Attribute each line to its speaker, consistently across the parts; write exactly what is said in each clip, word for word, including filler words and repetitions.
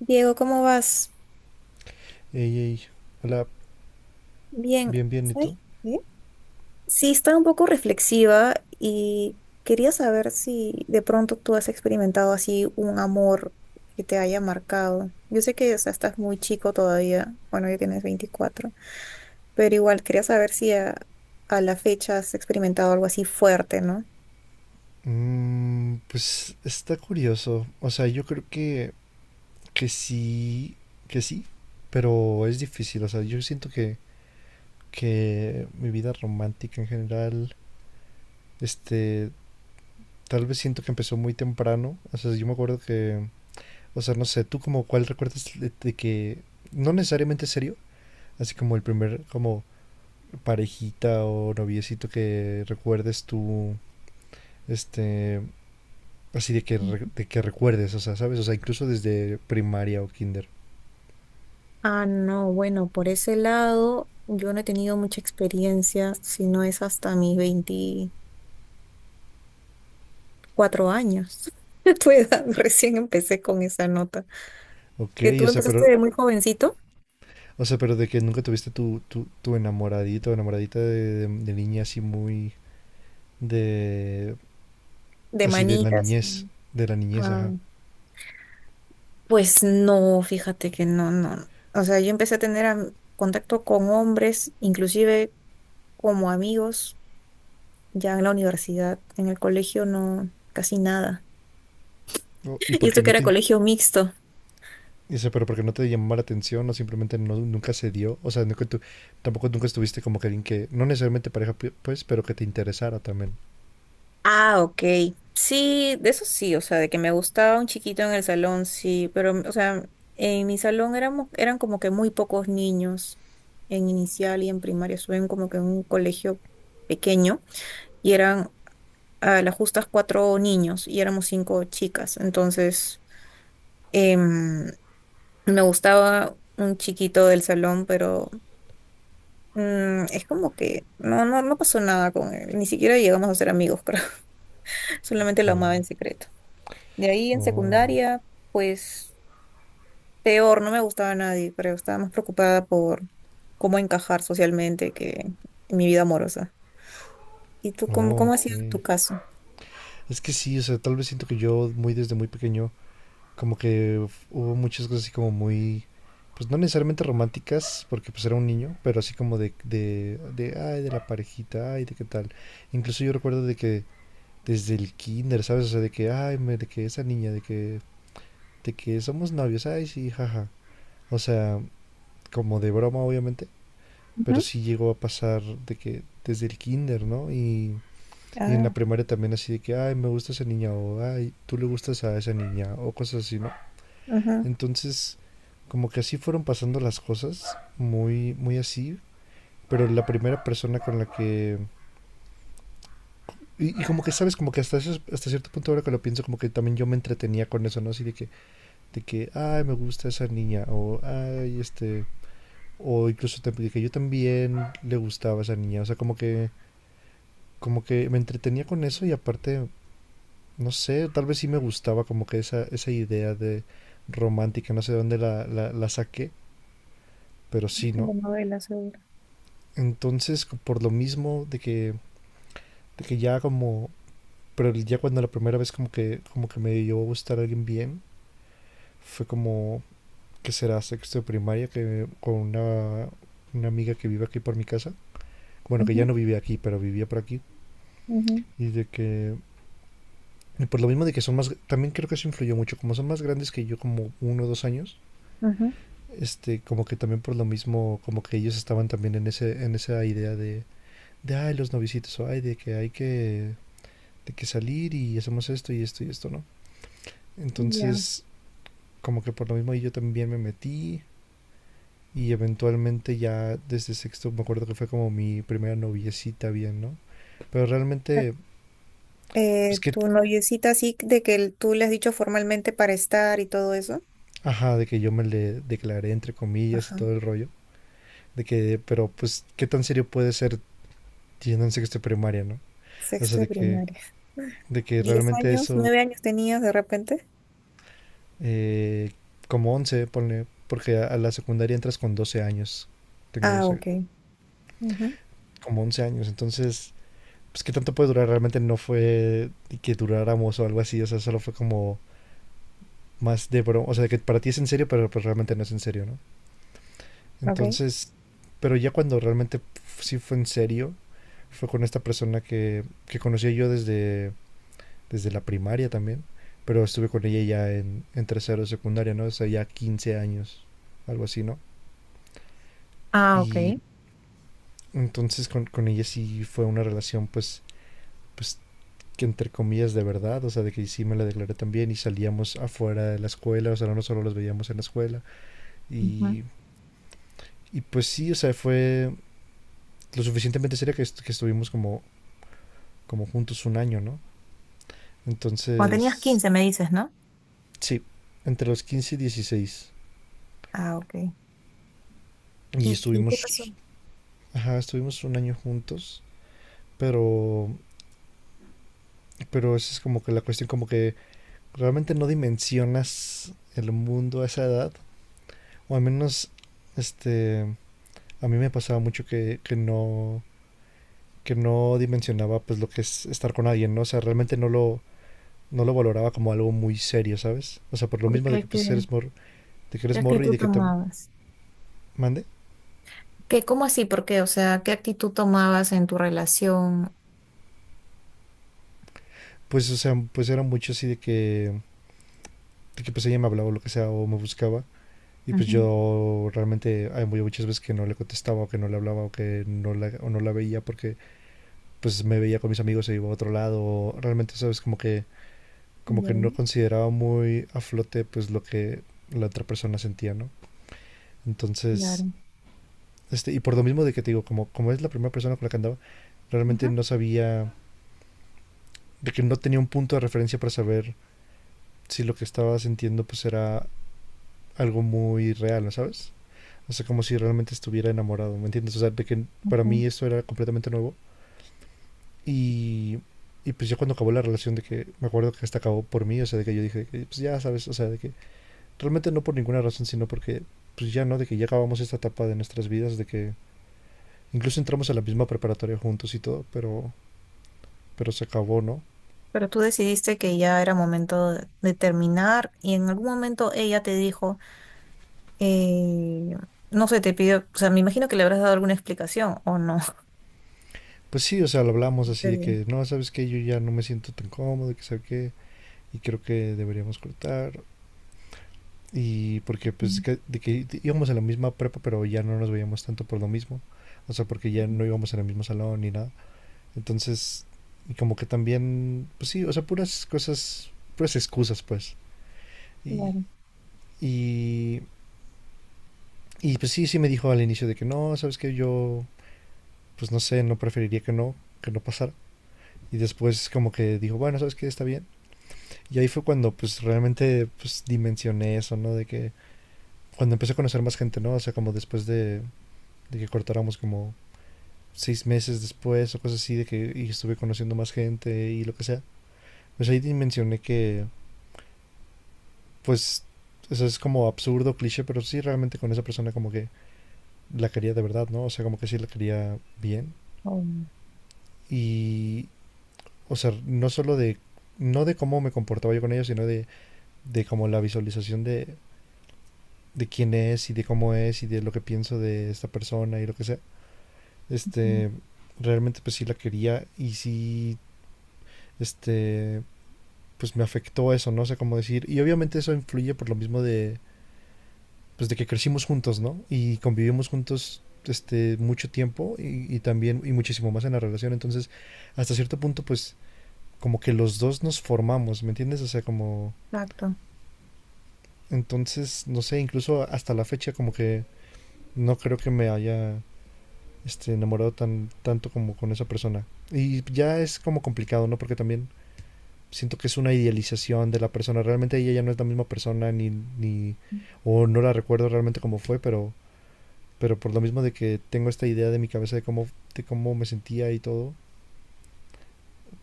Speaker 1: Diego, ¿cómo vas?
Speaker 2: Ey, ey, hola,
Speaker 1: Bien,
Speaker 2: bien, bien, ¿y
Speaker 1: ¿sabes
Speaker 2: tú?
Speaker 1: qué? Sí, estaba un poco reflexiva y quería saber si de pronto tú has experimentado así un amor que te haya marcado. Yo sé que, o sea, estás muy chico todavía, bueno, ya tienes veinticuatro, pero igual quería saber si a, a la fecha has experimentado algo así fuerte, ¿no?
Speaker 2: Mm, pues está curioso, o sea, yo creo que, que sí, que sí, pero es difícil, o sea, yo siento que, que mi vida romántica en general, este, tal vez siento que empezó muy temprano, o sea, yo me acuerdo que, o sea, no sé, tú como cuál recuerdas de, de que, no necesariamente serio, así como el primer, como parejita o noviecito que recuerdes tú, este, así de que, re- de que recuerdes, o sea, ¿sabes? O sea, incluso desde primaria o kinder.
Speaker 1: Ah, no, bueno, por ese lado yo no he tenido mucha experiencia, si no es hasta mis veinte, cuatro años. A tu edad, recién empecé con esa nota.
Speaker 2: Ok,
Speaker 1: Que tú
Speaker 2: o sea,
Speaker 1: empezaste
Speaker 2: pero,
Speaker 1: de muy jovencito,
Speaker 2: o sea, pero de que nunca tuviste tu, tu, tu enamoradito o enamoradita de, de, de niña así muy de,
Speaker 1: de
Speaker 2: así de la
Speaker 1: manitas. Mm.
Speaker 2: niñez, de la niñez,
Speaker 1: Ah,
Speaker 2: ajá.
Speaker 1: pues no, fíjate que no, no. O sea, yo empecé a tener am- contacto con hombres, inclusive como amigos, ya en la universidad, en el colegio no, casi nada.
Speaker 2: O- Y
Speaker 1: Y
Speaker 2: porque
Speaker 1: esto que
Speaker 2: no
Speaker 1: era
Speaker 2: te, in-
Speaker 1: colegio mixto.
Speaker 2: o sea, pero porque no te llamó la atención o simplemente no, nunca se dio, o sea, nunca tú, tampoco nunca estuviste como que alguien que, no necesariamente pareja, pi- pues, pero que te interesara también.
Speaker 1: Ah, ok. Sí, de eso sí, o sea, de que me gustaba un chiquito en el salón, sí, pero, o sea, en mi salón éramos, eran como que muy pocos niños en inicial y en primaria, suben como que en un colegio pequeño y eran a las justas cuatro niños y éramos cinco chicas, entonces em, me gustaba un chiquito del salón, pero mm, es como que no, no, no pasó nada con él, ni siquiera llegamos a ser amigos, creo, solamente
Speaker 2: Ok,
Speaker 1: lo amaba en secreto. De ahí en
Speaker 2: oh,
Speaker 1: secundaria, pues peor, no me gustaba a nadie, creo. Estaba más preocupada por cómo encajar socialmente que en mi vida amorosa. ¿Y tú cómo,
Speaker 2: oh,
Speaker 1: cómo ha sido
Speaker 2: ok.
Speaker 1: tu caso?
Speaker 2: Es que sí, o sea, tal vez siento que yo muy desde muy pequeño como que hubo muchas cosas así como muy, pues no necesariamente románticas, porque pues era un niño, pero así como de, de, de, ay, de la parejita, ay, de qué tal. Incluso yo recuerdo de que desde el kinder, ¿sabes? O sea, de que, ay, me- de que esa niña, de que, de que somos novios, ay, sí, jaja. O sea, como de broma, obviamente, pero
Speaker 1: Ujú.
Speaker 2: sí llegó a pasar de que desde el kinder, ¿no? Y, y en la
Speaker 1: Ah,
Speaker 2: primaria también así de que, ay, me gusta esa niña, o ay, tú le gustas a esa niña, o cosas así, ¿no?
Speaker 1: ajá.
Speaker 2: Entonces, como que así fueron pasando las cosas, muy, muy así. Pero la primera persona con la que... Y, y como que, ¿sabes? Como que hasta, ese- hasta cierto punto ahora que lo pienso, como que también yo me entretenía con eso, ¿no? Así de que, de que, ay, me gusta esa niña, o, ay, este... O incluso te- de que yo también le gustaba esa niña. O sea, como que, como que me entretenía con eso y aparte, no sé, tal vez sí me gustaba como que esa, esa idea de romántica, no sé de dónde la, la, la saqué, pero sí, ¿no?
Speaker 1: Telenovela seguro.
Speaker 2: Entonces, por lo mismo de que, de que ya como, pero ya cuando la primera vez como que, como que me dio a gustar a alguien bien, fue como, que será sexto de primaria, que con una, una amiga que vive aquí por mi casa, bueno, que ya
Speaker 1: Ujú,
Speaker 2: no vivía aquí, pero vivía por aquí,
Speaker 1: ujú,
Speaker 2: y de que, y por lo mismo de que son más, también creo que eso influyó mucho, como son más grandes que yo, como uno o dos años, este, como que también por lo mismo, como que ellos estaban también en, ese, en esa idea de, de, ay, los novicitos, o ay, de que hay que de que salir y hacemos esto y esto y esto, ¿no?
Speaker 1: ujú. Ya.
Speaker 2: Entonces, como que por lo mismo yo también me metí y eventualmente ya desde sexto me acuerdo que fue como mi primera noviecita bien, ¿no? Pero realmente, pues
Speaker 1: Eh,
Speaker 2: que,
Speaker 1: tu noviecita así de que el- tú le has dicho formalmente para estar y todo eso.
Speaker 2: ajá, de que yo me le declaré entre comillas y
Speaker 1: Ajá.
Speaker 2: todo el rollo, de que, pero pues, ¿qué tan serio puede ser yendo en sexto de primaria, ¿no? O sea,
Speaker 1: Sexto de
Speaker 2: de que,
Speaker 1: primaria.
Speaker 2: de que
Speaker 1: ¿Diez
Speaker 2: realmente
Speaker 1: años?
Speaker 2: eso,
Speaker 1: ¿Nueve años tenías de repente?
Speaker 2: eh, como once ponle, porque a, a la secundaria entras con doce años, tengo
Speaker 1: Ah,
Speaker 2: doce
Speaker 1: ok. Ujú.
Speaker 2: como once años, entonces pues qué tanto puede durar, realmente no fue que duráramos o algo así, o sea, solo fue como más de broma, o sea, que para ti es en serio, pero pues realmente no es en serio, ¿no?
Speaker 1: Ok.
Speaker 2: Entonces, pero ya cuando realmente sí fue en serio, fue con esta persona que, que conocí yo desde, desde la primaria también, pero estuve con ella ya en, en tercero de secundaria, ¿no? O sea, ya quince años, algo así, ¿no?
Speaker 1: Ah, ok.
Speaker 2: Y entonces con, con ella sí fue una relación pues, pues que entre comillas de verdad, o sea, de que sí me la declaré también y salíamos afuera de la escuela, o sea, no solo los veíamos en la escuela. Y, y pues sí, o sea, fue lo suficientemente seria que, est- que estuvimos como, como juntos un año, ¿no?
Speaker 1: Cuando tenías
Speaker 2: Entonces,
Speaker 1: quince me dices, ¿no?
Speaker 2: sí, entre los quince y dieciséis
Speaker 1: Ah, ok.
Speaker 2: Y
Speaker 1: ¿Y, y qué pasó?
Speaker 2: estuvimos, ajá, estuvimos un año juntos, pero, pero esa es como que la cuestión, como que realmente no dimensionas el mundo a esa edad, o al menos, este, a mí me pasaba mucho que, que no que no dimensionaba pues lo que es estar con alguien, ¿no? O sea, realmente no lo no lo valoraba como algo muy serio, ¿sabes? O sea, por lo
Speaker 1: ¿Por
Speaker 2: mismo de que
Speaker 1: qué?
Speaker 2: pues
Speaker 1: ¿Qué,
Speaker 2: eres morro, de que
Speaker 1: qué
Speaker 2: eres morro y
Speaker 1: actitud
Speaker 2: de que te
Speaker 1: tomabas?
Speaker 2: mande,
Speaker 1: ¿Qué, cómo así? ¿Por qué? O sea, ¿qué actitud tomabas en tu relación?
Speaker 2: pues o sea, pues era mucho así de que de que pues ella me hablaba o lo que sea o me buscaba y pues
Speaker 1: Ujú.
Speaker 2: yo realmente hay muy muchas veces que no le contestaba o que no le hablaba o que no la, o no la veía porque pues me veía con mis amigos y iba a otro lado o realmente sabes como que como que no
Speaker 1: Bien,
Speaker 2: consideraba muy a flote pues lo que la otra persona sentía, ¿no? Entonces,
Speaker 1: claro.
Speaker 2: este, y por lo mismo de que te digo, como, como es la primera persona con la que andaba, realmente
Speaker 1: Ujú,
Speaker 2: no sabía, de que no tenía un punto de referencia para saber si lo que estaba sintiendo pues era algo muy real, ¿no sabes? O sea, como si realmente estuviera enamorado, ¿me entiendes? O sea, de que para
Speaker 1: ujú.
Speaker 2: mí esto era completamente nuevo. Y, y pues yo cuando acabó la relación de que, me acuerdo que hasta acabó por mí, o sea, de que yo dije, pues ya sabes, o sea, de que Realmente no por ninguna razón, sino porque pues ya no, de que ya acabamos esta etapa de nuestras vidas, de que incluso entramos a la misma preparatoria juntos y todo, pero, pero se acabó, ¿no?
Speaker 1: Pero tú decidiste que ya era momento de, de terminar y en algún momento ella te dijo, eh, no sé, te pidió, o sea, me imagino que le habrás dado alguna explicación o no.
Speaker 2: Pues sí, o sea, lo hablamos
Speaker 1: Te
Speaker 2: así de
Speaker 1: di-
Speaker 2: que, no, sabes que yo ya no me siento tan cómodo, que sabe qué, y creo que deberíamos cortar. Y porque pues
Speaker 1: Ujú,
Speaker 2: que- de que íbamos a la misma prepa, pero ya no nos veíamos tanto por lo mismo. O sea, porque ya no íbamos en el mismo salón ni nada. Entonces, y como que también, pues sí, o sea, puras cosas, puras excusas, pues. Y,
Speaker 1: claro.
Speaker 2: y Y pues sí, sí me dijo al inicio de que no, sabes que yo, pues no sé, no preferiría que no, que no pasara. Y después como que dijo, bueno, sabes que está bien. Y ahí fue cuando pues realmente pues dimensioné eso, ¿no? De que cuando empecé a conocer más gente, ¿no? O sea, como después de, de que cortáramos como seis meses después o cosas así, de que y estuve conociendo más gente y lo que sea. Pues ahí dimensioné que pues eso es como absurdo, cliché, pero sí realmente con esa persona como que la quería de verdad, ¿no? O sea, como que sí la quería bien.
Speaker 1: Oh,
Speaker 2: Y, o sea, no solo de, no de cómo me comportaba yo con ellos, sino de, de como la visualización de, de quién es y de cómo es y de lo que pienso de esta persona y lo que sea.
Speaker 1: ujú.
Speaker 2: Este, realmente pues sí la quería y sí, este, pues me afectó eso, no sé cómo decir. Y obviamente eso influye por lo mismo de, pues de que crecimos juntos, ¿no? Y convivimos juntos este mucho tiempo y, y también y muchísimo más en la relación entonces hasta cierto punto pues como que los dos nos formamos me entiendes o sea como
Speaker 1: Exacto.
Speaker 2: Entonces, no sé, incluso hasta la fecha como que no creo que me haya este, enamorado tan, tanto como con esa persona. Y ya es como complicado, ¿no? Porque también siento que es una idealización de la persona. Realmente ella ya no es la misma persona ni... ni o no la recuerdo realmente cómo fue, pero, pero por lo mismo de que tengo esta idea de mi cabeza de cómo, de cómo me sentía y todo,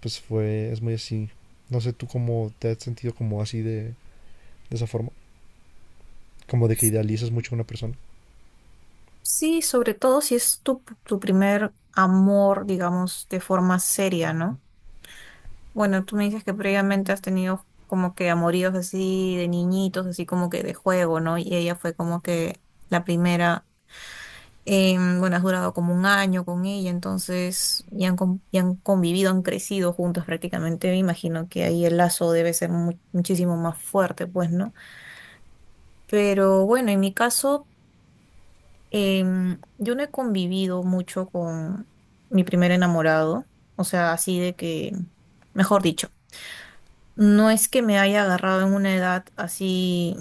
Speaker 2: pues fue, es muy así. No sé tú cómo te has sentido como así de, de esa forma, como de que idealizas mucho a una persona.
Speaker 1: Sí, sobre todo si es tu, tu primer amor, digamos, de forma seria, ¿no? Bueno, tú me dices que previamente has tenido como que amoríos así de niñitos, así como que de juego, ¿no? Y ella fue como que la primera, em, bueno, has durado como un año con ella, entonces ya han, con- y han convivido, han crecido juntos prácticamente. Me imagino que ahí el lazo debe ser mu- muchísimo más fuerte, pues, ¿no? Pero bueno, en mi caso. Em, yo no he convivido mucho con mi primer enamorado, o sea, así de que, mejor dicho, no es que me haya agarrado en una edad así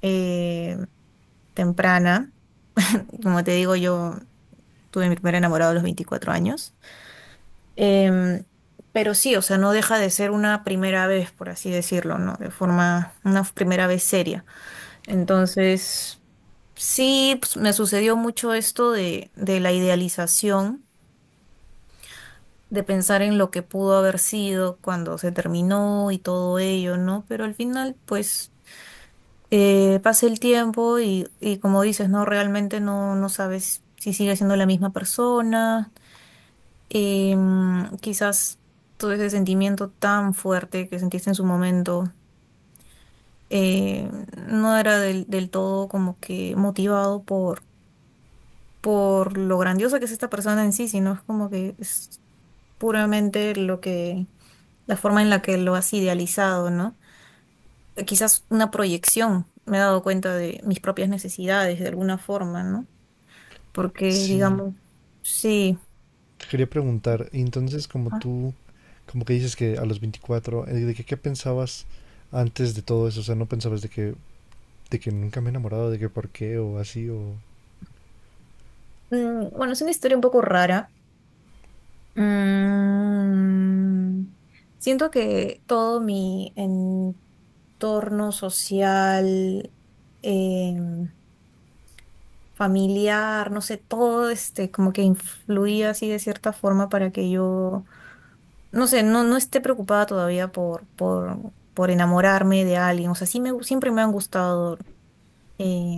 Speaker 1: eh, temprana, como te digo, yo tuve mi primer enamorado a los veinticuatro años. Em, pero sí, o sea, no deja de ser una primera vez, por así decirlo, ¿no? De forma, una primera vez seria. Entonces, sí, pues, me sucedió mucho esto de, de la idealización de pensar en lo que pudo haber sido cuando se terminó y todo ello, ¿no? Pero al final, pues, eh, pasa el tiempo y, y como dices, ¿no? Realmente no, no sabes si sigue siendo la misma persona. Em, quizás todo ese sentimiento tan fuerte que sentiste en su momento eh, no era del, del todo como que motivado por, por lo grandiosa que es esta persona en sí, sino es como que es puramente lo que la forma en la que lo has idealizado, ¿no? Eh, Quizás una proyección, me he dado cuenta de mis propias necesidades de alguna forma, ¿no? Porque,
Speaker 2: Sí,
Speaker 1: digamos, sí.
Speaker 2: quería preguntar, entonces como
Speaker 1: ah,
Speaker 2: tú, como que dices que a los veinticuatro eh, ¿de que, qué pensabas antes de todo eso? O sea, ¿no pensabas de que, de que nunca me he enamorado, de que por qué o así o...
Speaker 1: mm, Bueno, es una historia un poco rara. Mm, siento que todo mi entorno social, em, familiar, no sé, todo este como que influía así de cierta forma para que yo no sé, no, no esté preocupada todavía por, por, por enamorarme de alguien. O sea, sí me, gu- siempre me han gustado. eh,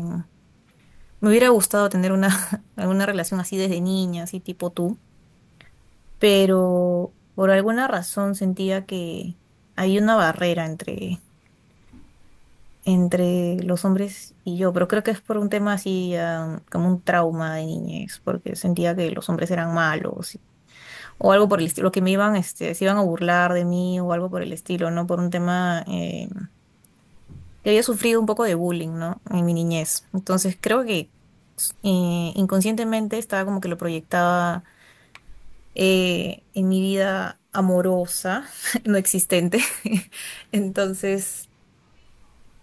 Speaker 1: me hubiera gustado tener una, alguna relación así desde niña, así tipo tú. Pero por alguna razón sentía que hay una barrera entre, entre los hombres y yo. Pero creo que es por un tema así, ah, como un trauma de niñez, porque sentía que los hombres eran malos, y o algo por el estilo, que me iban, este, se iban a burlar de mí o algo por el estilo, ¿no? Por un tema eh, que había sufrido un poco de bullying, ¿no? En mi niñez. Entonces creo que eh, inconscientemente estaba como que lo proyectaba eh, en mi vida amorosa, no existente. Entonces,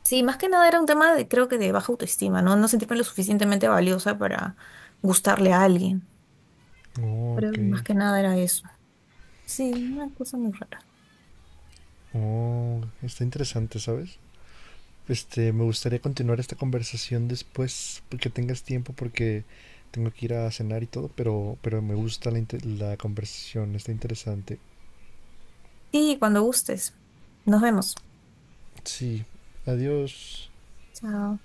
Speaker 1: sí, más que nada era un tema de, creo que de baja autoestima, ¿no? No sentirme lo suficientemente valiosa para gustarle a alguien.
Speaker 2: Oh,
Speaker 1: Creo
Speaker 2: ok.
Speaker 1: que más que nada era eso. Sí, una cosa muy rara.
Speaker 2: Oh, está interesante, ¿sabes? Este, me gustaría continuar esta conversación después, que tengas tiempo porque tengo que ir a cenar y todo, pero, pero me gusta la, inte- la conversación, está interesante.
Speaker 1: Sí, cuando gustes. Nos vemos.
Speaker 2: Sí, adiós.
Speaker 1: Chao.